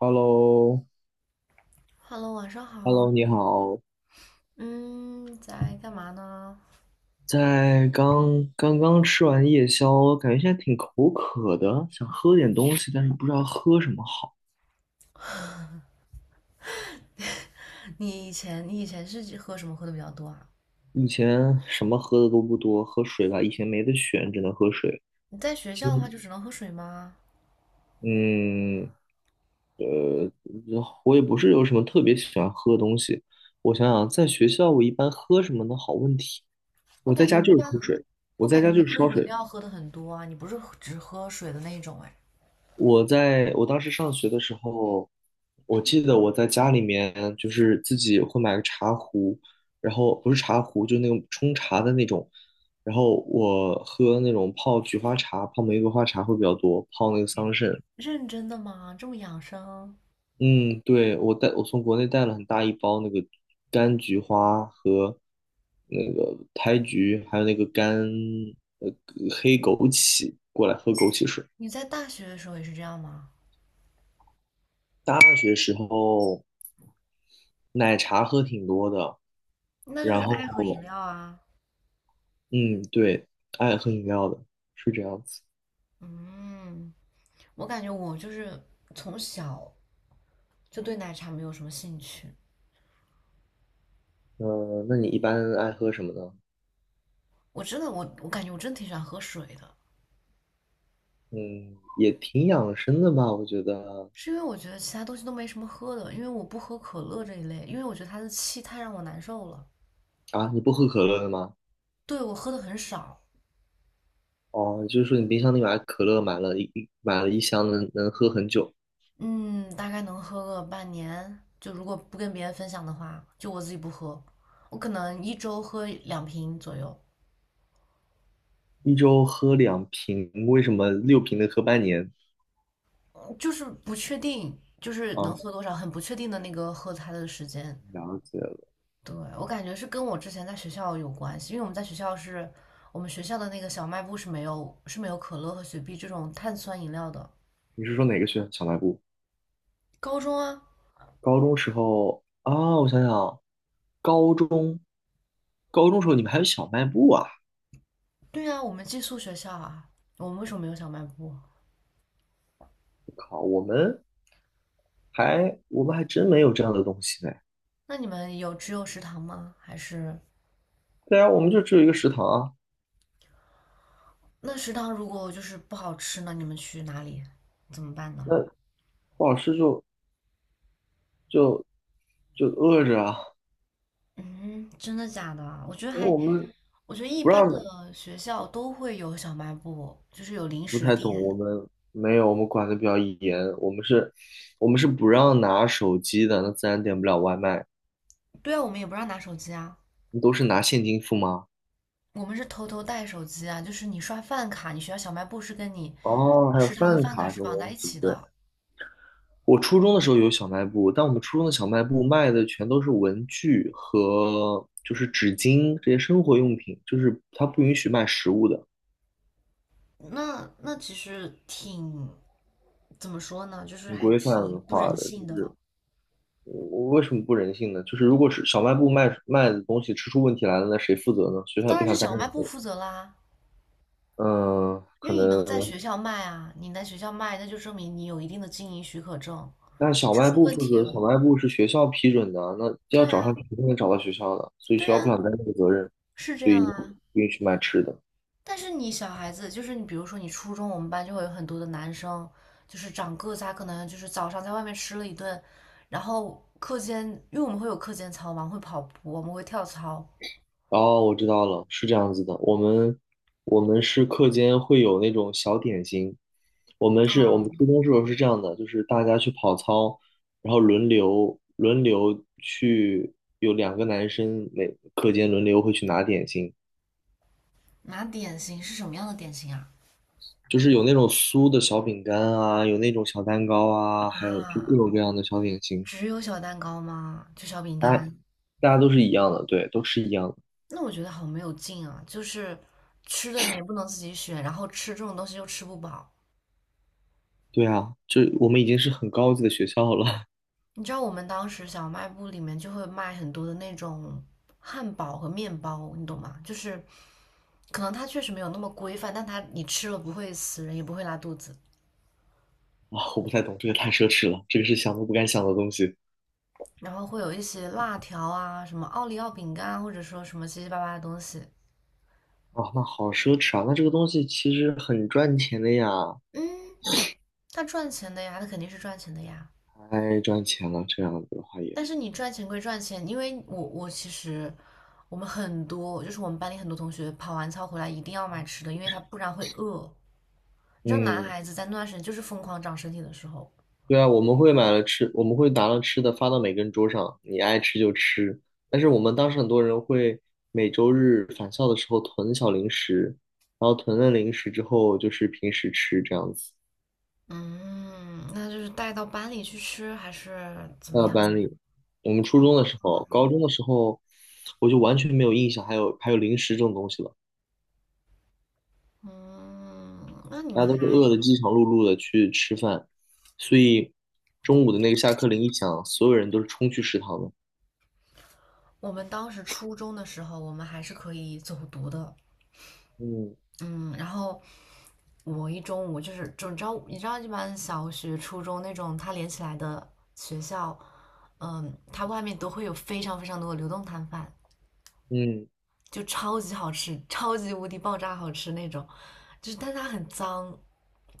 Hello，Hello，晚上好。Hello，你好，嗯，在干嘛呢？在刚刚吃完夜宵，感觉现在挺口渴的，想喝点东西，但是不知道喝什么好。你以前是喝什么喝的比较多啊？以前什么喝的都不多，喝水吧，以前没得选，只能喝水。你在学现校的话就只能喝水吗？嗯，呃，我也不是有什么特别喜欢喝的东西。我想想，在学校我一般喝什么呢？好问题。我我在感觉家你一就是般，喝水，我我在感觉家你就是喝烧饮水。料喝的很多啊，你不是只喝水的那一种哎？我当时上学的时候，我记得我在家里面就是自己会买个茶壶，然后不是茶壶，就那种冲茶的那种，然后我喝那种泡菊花茶、泡玫瑰花茶会比较多，泡那个桑葚。认真的吗？这么养生？嗯，对，我从国内带了很大一包那个柑菊花和那个胎菊，还有那个干呃黑枸杞过来喝枸杞水。你在大学的时候也是这样吗？大学时候奶茶喝挺多的，那就然是爱喝饮后，料啊。嗯，对，爱喝饮料的，是这样子。嗯，我感觉我就是从小就对奶茶没有什么兴趣。那你一般爱喝什么呢？我真的我感觉我真挺喜欢喝水的。嗯，也挺养生的吧，我觉得。是因为我觉得其他东西都没什么喝的，因为我不喝可乐这一类，因为我觉得它的气太让我难受了。啊，你不喝可乐的吗？对，我喝的很少，哦，就是说你冰箱里买可乐，买了一箱能，能喝很久，嗯，大概能喝个半年。就如果不跟别人分享的话，就我自己不喝，我可能1周喝2瓶左右，一周喝两瓶，为什么六瓶能喝半年？嗯就是不确定，就是能啊，喝多少，很不确定的那个喝它的时间。了解了。对，我感觉是跟我之前在学校有关系，因为我们在学校是我们学校的那个小卖部是没有可乐和雪碧这种碳酸饮料的。你是说哪个学校小卖部？高中啊，高中时候啊，我想想啊，高中，高中时候你们还有小卖部啊？对啊，我们寄宿学校啊，我们为什么没有小卖部？靠，我们。我们还真没有这样的东西呢。那你们有只有食堂吗？还是对啊，我们就只有一个食堂啊，那食堂如果就是不好吃呢？你们去哪里？怎么办呢？那不好吃就就饿着啊。嗯，真的假的啊？我觉得因为还，我们我觉得一不般让的的学校都会有小卖部，就是有零不食太懂，我店。们没有，我们管的比较严，我们是不让拿手机的，那自然点不了外卖，对啊，我们也不让拿手机啊，你都是拿现金付吗？我们是偷偷带手机啊。就是你刷饭卡，你学校小卖部是跟你哦，还有食堂的饭饭卡卡这是种绑在东一西，起对。的。我初中的时候有小卖部，但我们初中的小卖部卖的全都是文具和就是纸巾这些生活用品，就是它不允许卖食物的。那其实挺怎么说呢，就是挺还规挺范不化人的，性就是的。我我为什么不人性呢？就是如果是小卖部卖的东西吃出问题来了，那谁负责呢？学校也当不然是想担小任卖部责任。负责啦，嗯，因可为你能在能，学校卖啊，你在学校卖，那就证明你有一定的经营许可证，但你小这卖出部问负题责，小了。卖部是学校批准的啊，那要对啊，找上去肯定能找到学校的，所以学对校不啊，想担这个责任，是这所以样啊。不允许卖吃的。但是你小孩子，就是你，比如说你初中，我们班就会有很多的男生，就是长个子啊，他可能就是早上在外面吃了1顿，然后课间，因为我们会有课间操嘛，会跑步，我们会跳操，哦，我知道了，是这样子的。我们是课间会有那种小点心。我啊，们初中时候是这样的，就是大家去跑操，然后轮流去，有两个男生每课间轮流会去拿点心，拿点心是什么样的点心啊？就是有那种酥的小饼干啊，有那种小蛋糕啊，还有就各啊，种各样的小点心。只有小蛋糕吗？就小饼大家干？大家都是一样的，对，都是一样的。那我觉得好没有劲啊！就是吃的你也不能自己选，然后吃这种东西又吃不饱。对啊，这我们已经是很高级的学校了。你知道我们当时小卖部里面就会卖很多的那种汉堡和面包，你懂吗？就是可能它确实没有那么规范，但它你吃了不会死人，也不会拉肚子。啊，我不太懂，这个太奢侈了，这个是想都不敢想的东西。然后会有一些辣条啊，什么奥利奥饼干啊，或者说什么七七八八的东西。啊，那好奢侈啊，那这个东西其实很赚钱的呀，嗯，它赚钱的呀，它肯定是赚钱的呀。太赚钱了，这样子的话也，但是你赚钱归赚钱，因为我其实我们很多就是我们班里很多同学跑完操回来一定要买吃的，因为他不然会饿。你知道男嗯，孩子在那段时间就是疯狂长身体的时候。对啊，我们会买了吃，我们会拿了吃的发到每个人桌上，你爱吃就吃，但是我们当时很多人会每周日返校的时候囤小零食，然后囤了零食之后就是平时吃这样子，嗯，那就是带到班里去吃还是怎么带到样？班里。我们初中的时候，高中的时候，我就完全没有印象还有还有零食这种东西了。嗯，那你大家们都是还，饿的饥肠辘辘的去吃饭，所以中午的那个下课铃一响，所有人都是冲去食堂的。我们当时初中的时候，我们还是可以走读的，嗯嗯，然后我一中午就是，就你知道，你知道一般小学、初中那种它连起来的学校，嗯，它外面都会有非常非常多的流动摊贩，嗯就超级好吃，超级无敌爆炸好吃那种，就是但它很脏，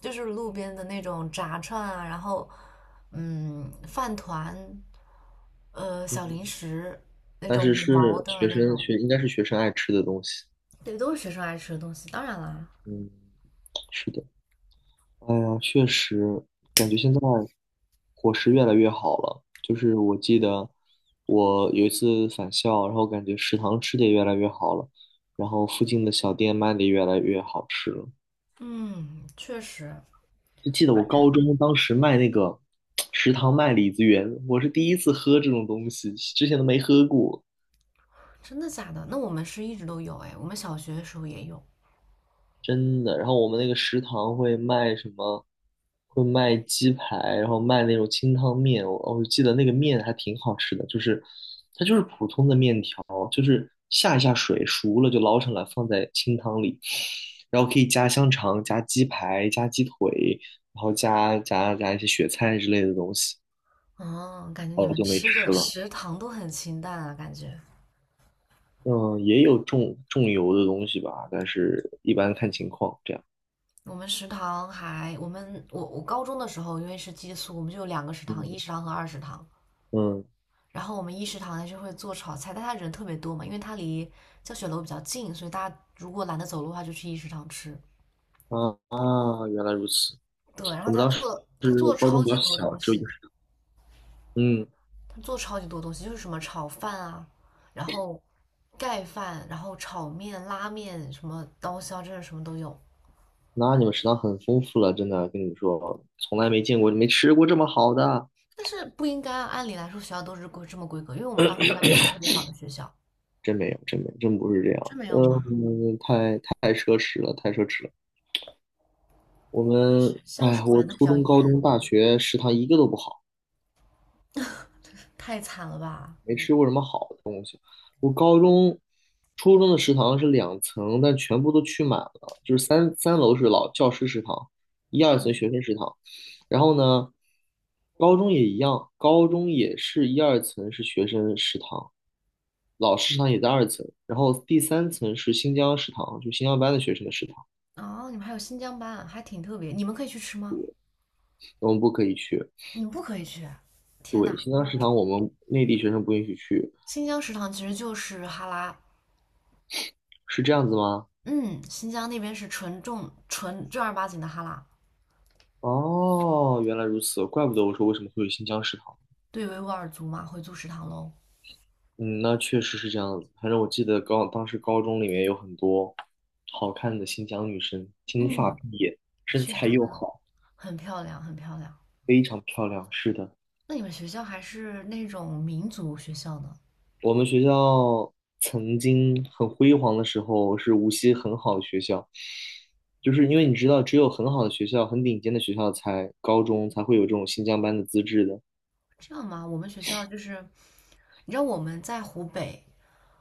就是路边的那种炸串啊，然后饭团，小零嗯，食那但种是5毛是的学那生种，学应该是学生爱吃的东西。对，都是学生爱吃的东西，当然啦。嗯，是的。哎呀，确实感觉现在伙食越来越好了。就是我记得我有一次返校，然后感觉食堂吃的也越来越好了，然后附近的小店卖的也越来越好吃了。嗯，确实，就记得我高中当时卖那个食堂卖李子园，我是第一次喝这种东西，之前都没喝过，真的假的？那我们是一直都有哎，我们小学的时候也有。真的。然后我们那个食堂会卖什么？会卖鸡排，然后卖那种清汤面。我记得那个面还挺好吃的，就是它就是普通的面条，就是下一下水熟了就捞上来放在清汤里，然后可以加香肠、加鸡排、加鸡腿，然后加一些雪菜之类的东西。哦，感觉你好们久没吃的吃了。食堂都很清淡啊，感觉。嗯，也有重油的东西吧，但是一般看情况这样。我们食堂还，我们我高中的时候，因为是寄宿，我们就有2个食堂，一嗯食堂和二食堂。嗯然后我们一食堂呢就会做炒菜，但他人特别多嘛，因为他离教学楼比较近，所以大家如果懒得走路的话，就去一食堂吃。啊啊，原来如此。对，然我后们他当时做是他做了高超中比较级多小，东只有一个。西，嗯，他做超级多东西，就是什么炒饭啊，然后盖饭，然后炒面、拉面，什么刀削，真的什么都有。那你们食堂很丰富了，真的跟你们说，从来没见过，没吃过这么好的，但是不应该啊，按理来说学校都是这么规格，因为我们当时学校也不是特别好的学校。真没有，真没有，真不是这真样。没有吗？嗯，太奢侈了，太奢侈了。我你们学们，哎校是呀，我管的比初较中、高严，中、大学食堂一个都不好，太惨了吧？没吃过什么好。我高中、初中的食堂是两层，但全部都去满了，就是三楼是老教师食堂，一二层学生食堂。然后呢，高中也一样，高中也是一二层是学生食堂，老师食堂也在二层，然后第三层是新疆食堂，就新疆班的学生的食堂，哦，你们还有新疆班，还挺特别。你们可以去吃吗？我们不可以去。你们不可以去。天对，呐，新疆食堂我们内地学生不允许去，新疆食堂其实就是哈拉，是这样子吗？嗯，新疆那边是纯正儿八经的哈拉。哦，原来如此，怪不得我说为什么会有新疆食堂。对维吾尔族嘛，回族食堂喽。嗯，那确实是这样子。反正我记得高当时高中里面有很多好看的新疆女生，金发嗯，碧眼，身确实材他们又好，很漂亮，很漂亮。非常漂亮。是的，那你们学校还是那种民族学校呢？我们学校曾经很辉煌的时候，是无锡很好的学校，就是因为你知道，只有很好的学校、很顶尖的学校才高中才会有这种新疆班的资质的。这样吗？我们学校就是，你知道我们在湖北，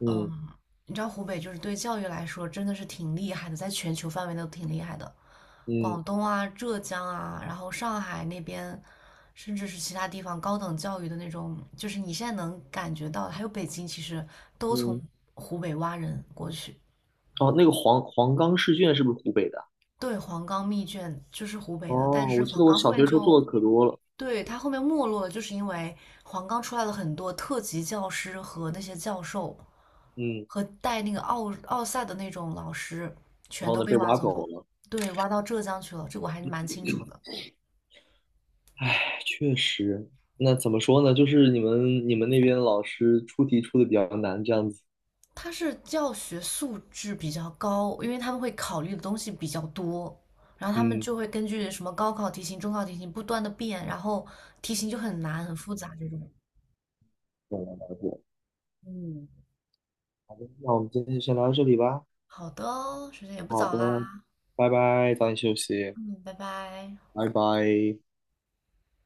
嗯嗯，你知道湖北就是对教育来说真的是挺厉害的，在全球范围内都挺厉害的。广嗯东啊、浙江啊，然后上海那边，甚至是其他地方高等教育的那种，就是你现在能感觉到的，还有北京，其实都从嗯。湖北挖人过去。哦，那个黄冈试卷是不是湖北的啊？对，黄冈密卷就是湖北的，但哦，是我记黄得我冈后小面学时候做就，的可多了。对，它后面没落了，就是因为黄冈出来了很多特级教师和那些教授嗯。和带那个奥赛的那种老师，然全后都呢被被挖挖走了，走了。对，挖到浙江去了，这个我还是蛮清楚的。唉，确实，那怎么说呢？就是你们那边老师出题出的比较难，这样子。他是教学素质比较高，因为他们会考虑的东西比较多，然后他们嗯，就会根据什么高考题型、中考题型不断的变，然后题型就很难、很复杂这种。了解。嗯。那我们今天就先聊到这里吧。好的哦时间也不好早的，啦，拜拜，早点休息，嗯，拜拜。拜拜。